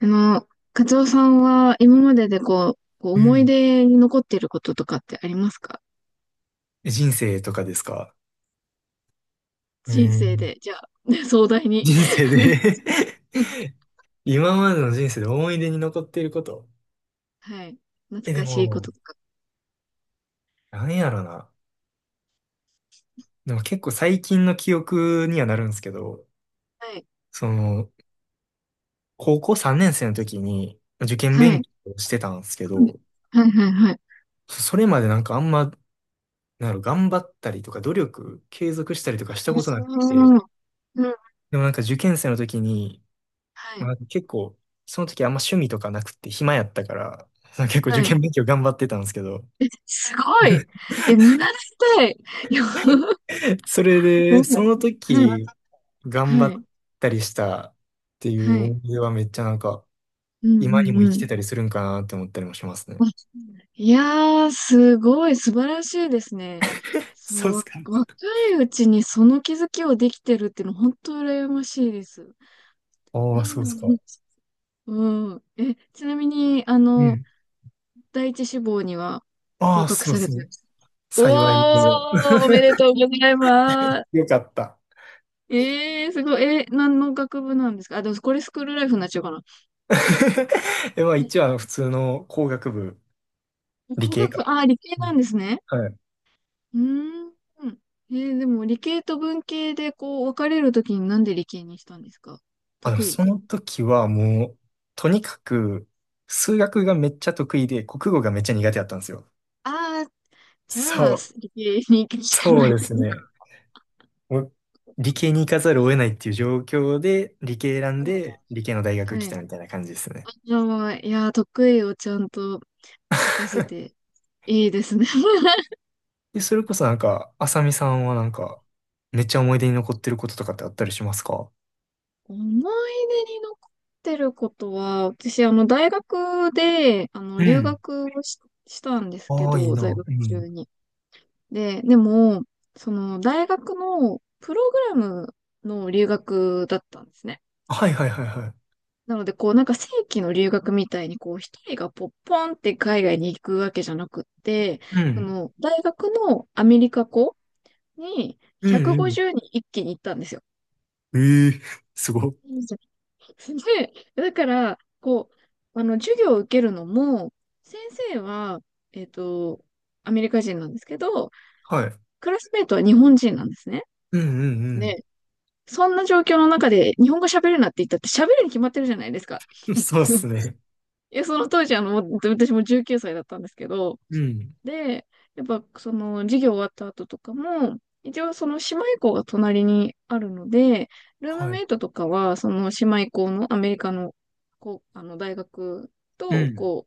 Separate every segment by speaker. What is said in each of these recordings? Speaker 1: あの、カツオさんは今まででこう、
Speaker 2: う
Speaker 1: 思い
Speaker 2: ん。
Speaker 1: 出に残っていることとかってありますか？
Speaker 2: 人生とかですか？う
Speaker 1: 人生
Speaker 2: ん。
Speaker 1: で、じゃあ、ね壮大に。
Speaker 2: 人生 で。
Speaker 1: うん。
Speaker 2: 今までの人生で思い出に残っていること。
Speaker 1: はい。懐
Speaker 2: で
Speaker 1: かしいこと
Speaker 2: も、
Speaker 1: とか。
Speaker 2: なんやろな。でも結構最近の記憶にはなるんですけど、
Speaker 1: はい。
Speaker 2: その、高校3年生の時に受験
Speaker 1: は
Speaker 2: 勉
Speaker 1: い。
Speaker 2: 強をしてたんですけど、
Speaker 1: はいはいはい。
Speaker 2: それまでなんかあんま、なんやろ、頑張ったりとか努力継続したりとかし
Speaker 1: あ
Speaker 2: たことなくて、
Speaker 1: ーうん。
Speaker 2: でもなんか受験生の時に
Speaker 1: はい。
Speaker 2: まあ、結構、その時あんま趣味とかなくって暇やったから、結構
Speaker 1: は
Speaker 2: 受
Speaker 1: い。
Speaker 2: 験勉強頑張ってたんですけど、
Speaker 1: すごい。え、見習いたい。いや、
Speaker 2: それ
Speaker 1: ん、
Speaker 2: で、その
Speaker 1: はい。
Speaker 2: 時頑張
Speaker 1: はい。
Speaker 2: ったりしたってい
Speaker 1: は
Speaker 2: う
Speaker 1: い。
Speaker 2: 思い出はめっちゃなんか、
Speaker 1: う
Speaker 2: 今に
Speaker 1: ん
Speaker 2: も生
Speaker 1: う
Speaker 2: き
Speaker 1: ん。
Speaker 2: てたりするんかなって思ったりもしますね。
Speaker 1: わいやー、すごい素晴らしいですね。そ
Speaker 2: そう
Speaker 1: の、
Speaker 2: っすか？
Speaker 1: 若いうちにその気づきをできてるっていうの、本当羨ましいです。う
Speaker 2: ああ、そうっすか。
Speaker 1: ん。うん。え、ちなみに、あ
Speaker 2: う
Speaker 1: の、
Speaker 2: ん。
Speaker 1: 第一志望には
Speaker 2: あ
Speaker 1: 合
Speaker 2: あ、
Speaker 1: 格
Speaker 2: そう
Speaker 1: さ
Speaker 2: で
Speaker 1: れ
Speaker 2: す
Speaker 1: たん
Speaker 2: ね。
Speaker 1: ですか？
Speaker 2: 幸いにも。
Speaker 1: おー、おめでとうございま す。
Speaker 2: よかった。
Speaker 1: すごい。え、何の学部なんですか？あ、でもこれスクールライフになっちゃうかな。
Speaker 2: まあ
Speaker 1: うん。
Speaker 2: 一応あの普通の工学部、理
Speaker 1: 工学
Speaker 2: 系
Speaker 1: 部、
Speaker 2: か。
Speaker 1: 理系
Speaker 2: う
Speaker 1: な
Speaker 2: ん、
Speaker 1: んですね。
Speaker 2: はい。
Speaker 1: うーん。でも理系と文系でこう分かれるときになんで理系にしたんですか？
Speaker 2: あの、
Speaker 1: 得意。
Speaker 2: その時はもう、とにかく、数学がめっちゃ得意で、国語がめっちゃ苦手だったんですよ。
Speaker 1: ああ、じゃ
Speaker 2: そ
Speaker 1: あ、
Speaker 2: う、
Speaker 1: 理系に行くしかな
Speaker 2: そう
Speaker 1: い
Speaker 2: で
Speaker 1: で
Speaker 2: す
Speaker 1: すね。
Speaker 2: ね。もう理系に行かざるを得ないっていう状況で、理系選んで、理系の大
Speaker 1: うん。
Speaker 2: 学来
Speaker 1: はい。
Speaker 2: たみたいな感じですね。
Speaker 1: あ、じゃあ、いやー、得意をちゃんと活かせて いいですね。
Speaker 2: で、それこそなんか、あさみさんはなんか、めっちゃ思い出に残ってることとかってあったりしますか？
Speaker 1: 思い出に残ってることは、私、あの、大学で、あの、
Speaker 2: う
Speaker 1: 留
Speaker 2: ん。
Speaker 1: 学をしたんですけ
Speaker 2: ああ、いい
Speaker 1: ど、
Speaker 2: な。
Speaker 1: 在学
Speaker 2: う
Speaker 1: 中
Speaker 2: ん。
Speaker 1: に。で、でも、その大学のプログラムの留学だったんですね。
Speaker 2: はいはいはいはい。
Speaker 1: なので、こうなんか正規の留学みたいに、こう一人がポッポンって海外に行くわけじゃなくって、
Speaker 2: う
Speaker 1: そ
Speaker 2: ん。
Speaker 1: の大学のアメリカ校に
Speaker 2: うん
Speaker 1: 150人一気に行ったんですよ。
Speaker 2: うん。ええ、すごっ。
Speaker 1: うん。で、だから、こう、あの、授業を受けるのも、先生は、えっと、アメリカ人なんですけど、
Speaker 2: はい。
Speaker 1: クラスメイトは日本人なんですね。
Speaker 2: うんうん。
Speaker 1: そんな状況の中で日本語喋るなって言ったって喋るに決まってるじゃないですか。
Speaker 2: うん、そうっす ね。
Speaker 1: いや、その当時、あの、私もじゅう私も19歳だったんですけど、
Speaker 2: うん。
Speaker 1: で、やっぱその授業終わった後とかも、一応その姉妹校が隣にあるので、ルーム
Speaker 2: はい。
Speaker 1: メイトとかは、その姉妹校のアメリカの、こう、あの、大学
Speaker 2: う
Speaker 1: と、
Speaker 2: ん。
Speaker 1: こ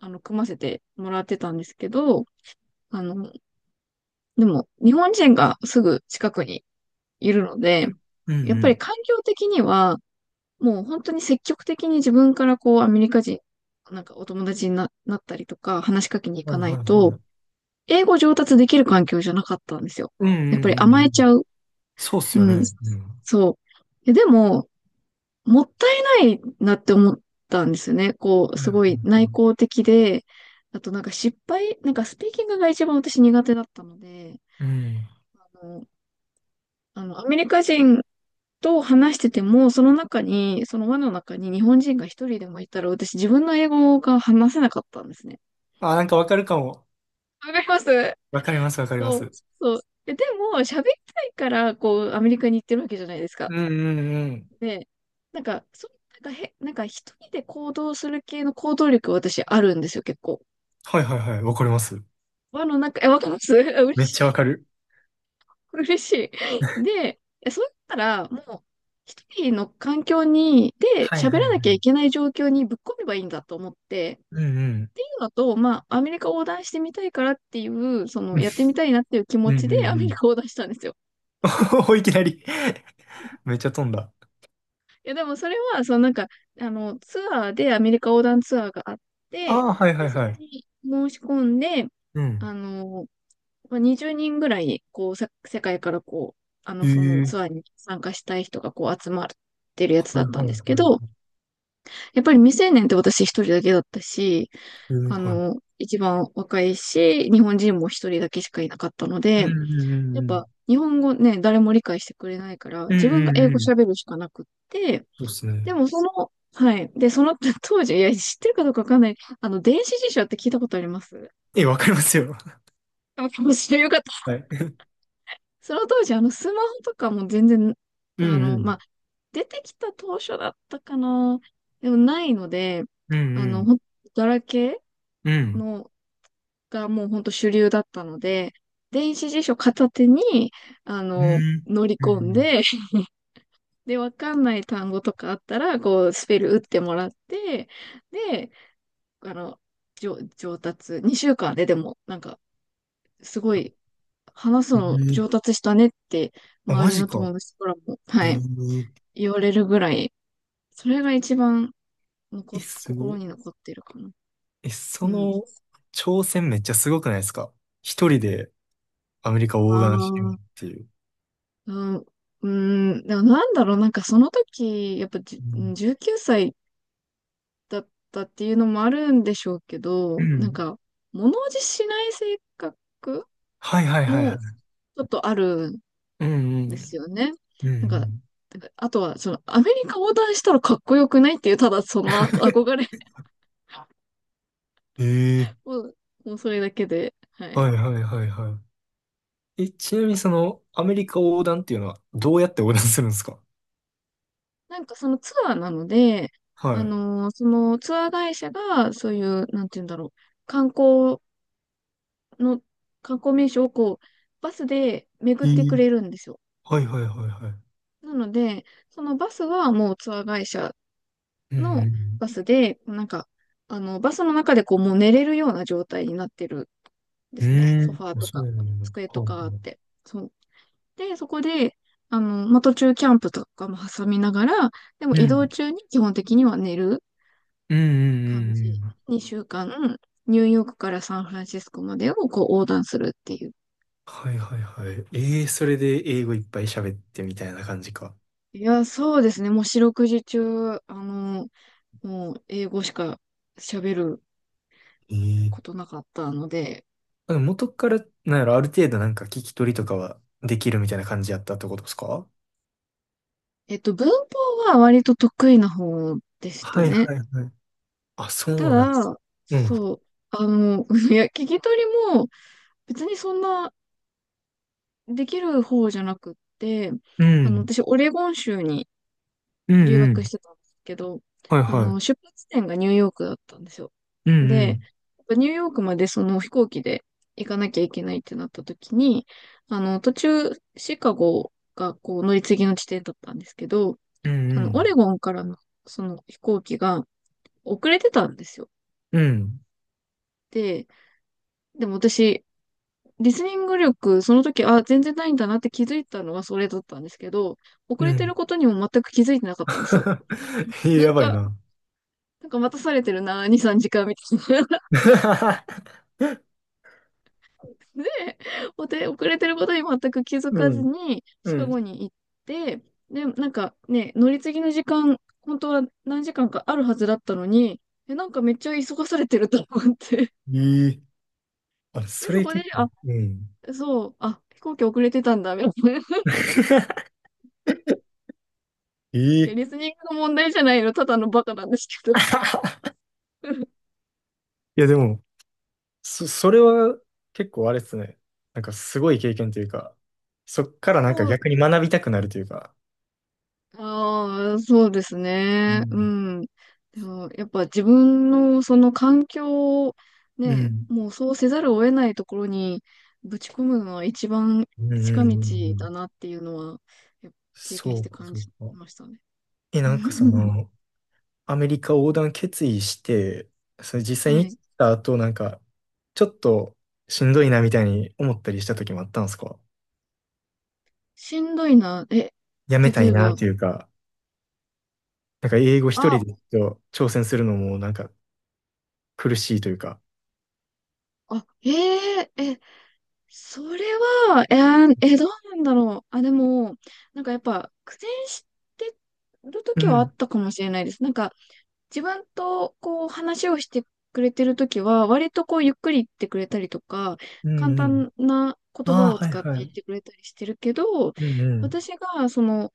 Speaker 1: う、あの、組ませてもらってたんですけど、あの、でも、日本人がすぐ近くにいるので、
Speaker 2: うん
Speaker 1: やっぱ
Speaker 2: う
Speaker 1: り
Speaker 2: ん。
Speaker 1: 環境的には、もう本当に積極的に自分からこうアメリカ人、なんかお友達になったりとか話しかけに行
Speaker 2: は
Speaker 1: か
Speaker 2: い
Speaker 1: な
Speaker 2: は
Speaker 1: い
Speaker 2: い
Speaker 1: と、
Speaker 2: はい。
Speaker 1: 英語上達できる環境じゃなかったんですよ。
Speaker 2: うん
Speaker 1: やっ
Speaker 2: う
Speaker 1: ぱ
Speaker 2: ん
Speaker 1: り
Speaker 2: う
Speaker 1: 甘
Speaker 2: んう
Speaker 1: えち
Speaker 2: ん。
Speaker 1: ゃう。
Speaker 2: そうっすよ
Speaker 1: うん。
Speaker 2: ね。うん。は
Speaker 1: そう。でも、もったいないなって思ったんですよね。こう、
Speaker 2: いはい
Speaker 1: す
Speaker 2: は
Speaker 1: ごい内
Speaker 2: い。
Speaker 1: 向的で、あとなんかなんかスピーキングが一番私苦手だったので、
Speaker 2: うん。
Speaker 1: あの、アメリカ人と話してても、その中に、その輪の中に日本人が一人でもいたら、私自分の英語が話せなかったんですね。
Speaker 2: あ、なんかわかるかも。
Speaker 1: わかります。
Speaker 2: わかります、わかりま
Speaker 1: そう、
Speaker 2: す。
Speaker 1: そう。で、でも、喋りたいから、こう、アメリカに行ってるわけじゃないです
Speaker 2: う
Speaker 1: か。
Speaker 2: んうんうん。
Speaker 1: で、なんか、そう、なんかへ、なんか一人で行動する系の行動力、私あるんですよ、結構。
Speaker 2: はいはいはい。わかります。
Speaker 1: 輪の中、え、わかります。 嬉
Speaker 2: めっ
Speaker 1: し
Speaker 2: ちゃわ
Speaker 1: い。
Speaker 2: かる。
Speaker 1: 嬉しい。で、そう言ったら、もう、一人の環境に、で、
Speaker 2: はい
Speaker 1: 喋
Speaker 2: はい
Speaker 1: らな
Speaker 2: は
Speaker 1: きゃ
Speaker 2: い。
Speaker 1: いけない状況にぶっ込めばいいんだと思って、
Speaker 2: うんうん。
Speaker 1: っていうのと、まあ、アメリカ横断してみたいからっていう、その、やってみたいなっていう気持
Speaker 2: うんう
Speaker 1: ちで ア
Speaker 2: んう
Speaker 1: メリ
Speaker 2: ん。
Speaker 1: カ横断したんですよ。
Speaker 2: お、いきなりめっちゃ飛んだ。
Speaker 1: いや、でもそれは、そのなんか、あの、ツアーでアメリカ横断ツアーがあっ
Speaker 2: あ
Speaker 1: て、
Speaker 2: あ、はいは
Speaker 1: で、
Speaker 2: い
Speaker 1: そ
Speaker 2: は
Speaker 1: れ
Speaker 2: い。
Speaker 1: に申し込んで、
Speaker 2: う
Speaker 1: あ
Speaker 2: ん。
Speaker 1: の、まあ、20人ぐらい、こう、世界からこう、あの、
Speaker 2: へ
Speaker 1: その
Speaker 2: え、は
Speaker 1: ツアーに参加したい人がこう集まってるやつ
Speaker 2: い
Speaker 1: だ
Speaker 2: はい
Speaker 1: ったんですけど、
Speaker 2: は
Speaker 1: やっぱり未成年って私一人だけだったし、
Speaker 2: い。へえ、
Speaker 1: あ
Speaker 2: は
Speaker 1: の、
Speaker 2: い。
Speaker 1: 一番若いし、日本人も一人だけしかいなかったの
Speaker 2: う
Speaker 1: で、
Speaker 2: んうんう
Speaker 1: やっ
Speaker 2: んうん。
Speaker 1: ぱ日本語ね、誰も理解してくれないから、
Speaker 2: うん
Speaker 1: 自分が
Speaker 2: うん
Speaker 1: 英語
Speaker 2: うん。
Speaker 1: 喋るしかなくって、
Speaker 2: そうっすね。
Speaker 1: でもその、はい。で、その 当時、いや、知ってるかどうかわかんない。あの、電子辞書って聞いたことあります？
Speaker 2: え、わかりますよ。
Speaker 1: あかもしれよかった。
Speaker 2: はい。
Speaker 1: その当時、あの、スマホとかも全然、
Speaker 2: う
Speaker 1: あ
Speaker 2: んう
Speaker 1: の、ま
Speaker 2: ん。
Speaker 1: あ、出てきた当初だったかな。でもないので、
Speaker 2: うん
Speaker 1: あ
Speaker 2: う
Speaker 1: の、
Speaker 2: ん。
Speaker 1: ガラケ
Speaker 2: う
Speaker 1: ー
Speaker 2: ん。
Speaker 1: のがもうほんと主流だったので、電子辞書片手に、あ
Speaker 2: う
Speaker 1: の、
Speaker 2: ん。
Speaker 1: 乗り
Speaker 2: う
Speaker 1: 込ん
Speaker 2: ん
Speaker 1: で、で、わかんない単語とかあったら、こう、スペル打ってもらって、で、あの、上達、2週間ででも、なんか、すごい、話す
Speaker 2: う
Speaker 1: の
Speaker 2: ん。
Speaker 1: 上
Speaker 2: ええ、
Speaker 1: 達したねって、
Speaker 2: あ、
Speaker 1: 周
Speaker 2: マ
Speaker 1: り
Speaker 2: ジ
Speaker 1: の友
Speaker 2: か。
Speaker 1: 達からも、
Speaker 2: え
Speaker 1: はい、言われるぐらい、それが一番残
Speaker 2: ええ、すご
Speaker 1: 心
Speaker 2: い。
Speaker 1: に残ってるかな。
Speaker 2: え、そ
Speaker 1: うん。
Speaker 2: の挑戦めっちゃすごくないですか？一人でアメリカ
Speaker 1: あ
Speaker 2: 横断しようっ
Speaker 1: あ、
Speaker 2: ていう。
Speaker 1: うん、うん、でもなんだろう、なんかその時、やっぱ
Speaker 2: うん。
Speaker 1: 19歳だったっていうのもあるんでしょうけど、
Speaker 2: う
Speaker 1: なん
Speaker 2: ん、
Speaker 1: か、物おじしない性格
Speaker 2: はいはいはいは
Speaker 1: も
Speaker 2: い。
Speaker 1: ちょっとあるん
Speaker 2: うんう
Speaker 1: です
Speaker 2: ん。
Speaker 1: よね。
Speaker 2: うん
Speaker 1: なん
Speaker 2: う
Speaker 1: か、
Speaker 2: ん。
Speaker 1: なんかあとは、その、アメリカ横断したらかっこよくないっていう、ただその憧憧 れ
Speaker 2: ええ、
Speaker 1: もう、もうそれだけで、はい。
Speaker 2: はいはいはいはい。え、ちなみにその、アメリカ横断っていうのは、どうやって横断するんですか？
Speaker 1: なんかそのツアーなので、
Speaker 2: は
Speaker 1: あのーそのツアー会社が、そういう、なんて言うんだろう、観光の、観光名所をこう、バスで巡
Speaker 2: い。
Speaker 1: っ
Speaker 2: え
Speaker 1: てく
Speaker 2: え、
Speaker 1: れるんですよ。
Speaker 2: はいはいはいはい。
Speaker 1: なので、そのバスはもうツアー会社
Speaker 2: うんう
Speaker 1: の
Speaker 2: ん。
Speaker 1: バスで、なんか、あの、バスの中でこう、もう寝れるような状態になってるんで
Speaker 2: う
Speaker 1: すね。
Speaker 2: ー
Speaker 1: ソ
Speaker 2: ん。
Speaker 1: ファーと
Speaker 2: そ
Speaker 1: か、
Speaker 2: うなんだ。
Speaker 1: 机と
Speaker 2: はい
Speaker 1: かあっ
Speaker 2: はい。
Speaker 1: て。そう。で、そこで、あの、まあ、途中キャンプとかも挟みながら、でも
Speaker 2: う
Speaker 1: 移動
Speaker 2: ん。
Speaker 1: 中に基本的には寝る
Speaker 2: うんう
Speaker 1: 感
Speaker 2: ん
Speaker 1: じ。
Speaker 2: うんうん。
Speaker 1: 2週間、ニューヨークからサンフランシスコまでをこう横断するっていう。
Speaker 2: はいはいはい。ええ、それで英語いっぱい喋ってみたいな感じか。
Speaker 1: いや、そうですね。もう四六時中、あの、もう英語しか喋る
Speaker 2: え
Speaker 1: こ
Speaker 2: え、
Speaker 1: となかったので、
Speaker 2: あの元から、なんやろ、ある程度なんか聞き取りとかはできるみたいな感じやったってことですか？
Speaker 1: 文法は割と得意な方でした
Speaker 2: はい
Speaker 1: ね。
Speaker 2: はいはい。あ、
Speaker 1: た
Speaker 2: そうだ。
Speaker 1: だ、
Speaker 2: うん。
Speaker 1: そう、あの、いや、聞き取りも別にそんなできる方じゃなくって、
Speaker 2: う
Speaker 1: あの、
Speaker 2: ん。
Speaker 1: 私、オレゴン州に
Speaker 2: うん
Speaker 1: 留
Speaker 2: う
Speaker 1: 学し
Speaker 2: ん。
Speaker 1: てたんですけど、
Speaker 2: はい
Speaker 1: あの、
Speaker 2: は
Speaker 1: 出発点がニューヨークだったんですよ。
Speaker 2: い。うんう
Speaker 1: で、
Speaker 2: ん。
Speaker 1: やっぱニューヨークまでその飛行機で行かなきゃいけないってなった時に、あの、途中、シカゴがこう乗り継ぎの地点だったんですけど、
Speaker 2: うんう
Speaker 1: あの、オ
Speaker 2: ん。
Speaker 1: レゴンからの、その飛行機が遅れてたんですよ。で、でも私、リスニング力、その時、あ、全然ないんだなって気づいたのはそれだったんですけど、
Speaker 2: う
Speaker 1: 遅
Speaker 2: ん。う
Speaker 1: れて
Speaker 2: ん。
Speaker 1: ることにも全く気づいてなかったんですよ。
Speaker 2: ええ、
Speaker 1: な
Speaker 2: や
Speaker 1: ん
Speaker 2: ばい
Speaker 1: か、
Speaker 2: な。
Speaker 1: 待たされてるな、2、3時間みたいな。で、遅れてることに全く気づか
Speaker 2: う
Speaker 1: ず
Speaker 2: ん。
Speaker 1: に、シ
Speaker 2: う
Speaker 1: カ
Speaker 2: ん。
Speaker 1: ゴに行って、で、なんかね、乗り継ぎの時間、本当は何時間かあるはずだったのに、え、なんかめっちゃ急がされてると思って。
Speaker 2: ええ、あ、
Speaker 1: で、
Speaker 2: そ
Speaker 1: そ
Speaker 2: れ
Speaker 1: こで、
Speaker 2: 結構、
Speaker 1: あ、
Speaker 2: うん。
Speaker 1: そう、あ、飛行機遅れてたんだ、みたいな。いや、
Speaker 2: ええ、
Speaker 1: リスニングの問題じゃないの、ただのバカなんですけど。
Speaker 2: いや、でも、それは結構あれですね。なんかすごい経験というか、そっからなんか
Speaker 1: そう、
Speaker 2: 逆に学びたくなるというか。
Speaker 1: ああ、そうです
Speaker 2: う
Speaker 1: ね。う
Speaker 2: ん。
Speaker 1: ん。でも、やっぱ自分のその環境を
Speaker 2: う
Speaker 1: ね、
Speaker 2: ん。
Speaker 1: もうそうせざるを得ないところにぶち込むのは一番
Speaker 2: うんうん
Speaker 1: 近
Speaker 2: うん
Speaker 1: 道
Speaker 2: う
Speaker 1: だ
Speaker 2: ん、
Speaker 1: なっていうのは、やっぱ経験
Speaker 2: そ
Speaker 1: し
Speaker 2: う
Speaker 1: て
Speaker 2: か、
Speaker 1: 感
Speaker 2: そう
Speaker 1: じ
Speaker 2: か。
Speaker 1: ましたね。
Speaker 2: え、なんかそ の、アメリカ横断決意して、それ実際
Speaker 1: は
Speaker 2: に行っ
Speaker 1: い。
Speaker 2: た後、なんか、ちょっとしんどいなみたいに思ったりした時もあったんですか？
Speaker 1: しんどいな。え、
Speaker 2: やめた
Speaker 1: 例
Speaker 2: い
Speaker 1: え
Speaker 2: な
Speaker 1: ば、
Speaker 2: っていうか、なんか英語一人
Speaker 1: あ、
Speaker 2: でちょっと挑戦するのもなんか苦しいというか。
Speaker 1: あ、えええ、それは、どうなんだろう。あ、でも、なんかやっぱ苦戦してる
Speaker 2: う
Speaker 1: 時はあ
Speaker 2: ん、
Speaker 1: ったかもしれないです。なんか自分とこう話をしてくれてる時は、割とこうゆっくり言ってくれたりとか、
Speaker 2: う
Speaker 1: 簡
Speaker 2: ん、うん。
Speaker 1: 単な言葉
Speaker 2: あ
Speaker 1: を
Speaker 2: あ、はい、
Speaker 1: 使って
Speaker 2: は
Speaker 1: 言っ
Speaker 2: い。
Speaker 1: てくれたりしてるけど、
Speaker 2: うん、うん、
Speaker 1: 私がその、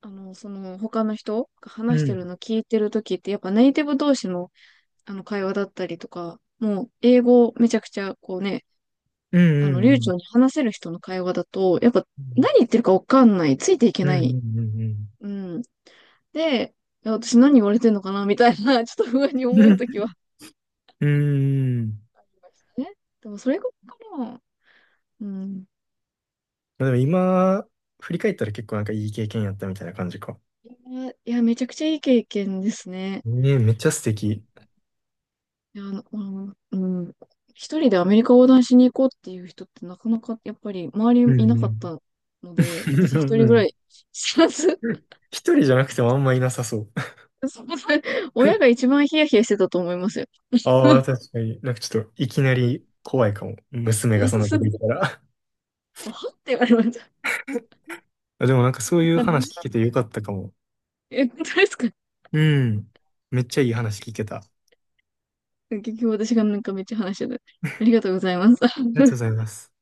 Speaker 1: あの、その他の人が
Speaker 2: う
Speaker 1: 話してる
Speaker 2: ん、
Speaker 1: の聞いてる時ってやっぱネイティブ同士のあの会話だったりとか、もう英語めちゃくちゃこうね、
Speaker 2: う
Speaker 1: あの、
Speaker 2: ん、う
Speaker 1: 流
Speaker 2: ん、
Speaker 1: 暢に話せる人の会話だと、やっぱ何言ってるかわかんない。ついていけ
Speaker 2: うん、
Speaker 1: な
Speaker 2: う
Speaker 1: い。
Speaker 2: ん、うん、うん、
Speaker 1: うん。で、いや私何言われてんのかなみたいな、ちょっと不安に
Speaker 2: う
Speaker 1: 思うとき
Speaker 2: ん。
Speaker 1: は
Speaker 2: うん。
Speaker 1: ありましたね。でもそれがかな。うん。
Speaker 2: まあでも今、振り返ったら結構なんかいい経験やったみたいな感じか。
Speaker 1: いや、めちゃくちゃいい経験ですね。
Speaker 2: ねえ、めっちゃ素敵。
Speaker 1: いや、うん。うん。一人でアメリカ横断しに行こうっていう人ってなかなかやっぱり周
Speaker 2: う
Speaker 1: りいな
Speaker 2: ん
Speaker 1: か
Speaker 2: う
Speaker 1: ったので、私
Speaker 2: ん
Speaker 1: 一
Speaker 2: う
Speaker 1: 人ぐら
Speaker 2: ん。
Speaker 1: い知らず、
Speaker 2: 一人じゃなくてもあんまいなさそう。
Speaker 1: そう。親が一 番ヒヤヒヤしてたと思いますよ。
Speaker 2: ああ、確かに。なんかちょっといきなり怖いかも。娘がそ
Speaker 1: そ
Speaker 2: ん
Speaker 1: う
Speaker 2: な
Speaker 1: そ
Speaker 2: と
Speaker 1: う、
Speaker 2: こ行ったら。
Speaker 1: はって言われました。
Speaker 2: あ、でもなんかそういう話聞 けてよかったかも。
Speaker 1: え、本当ですか？
Speaker 2: うん。めっちゃいい話聞けた。
Speaker 1: 結局私がなんかめっちゃ話してた。ありがとうございます。
Speaker 2: りがとうご ざいます。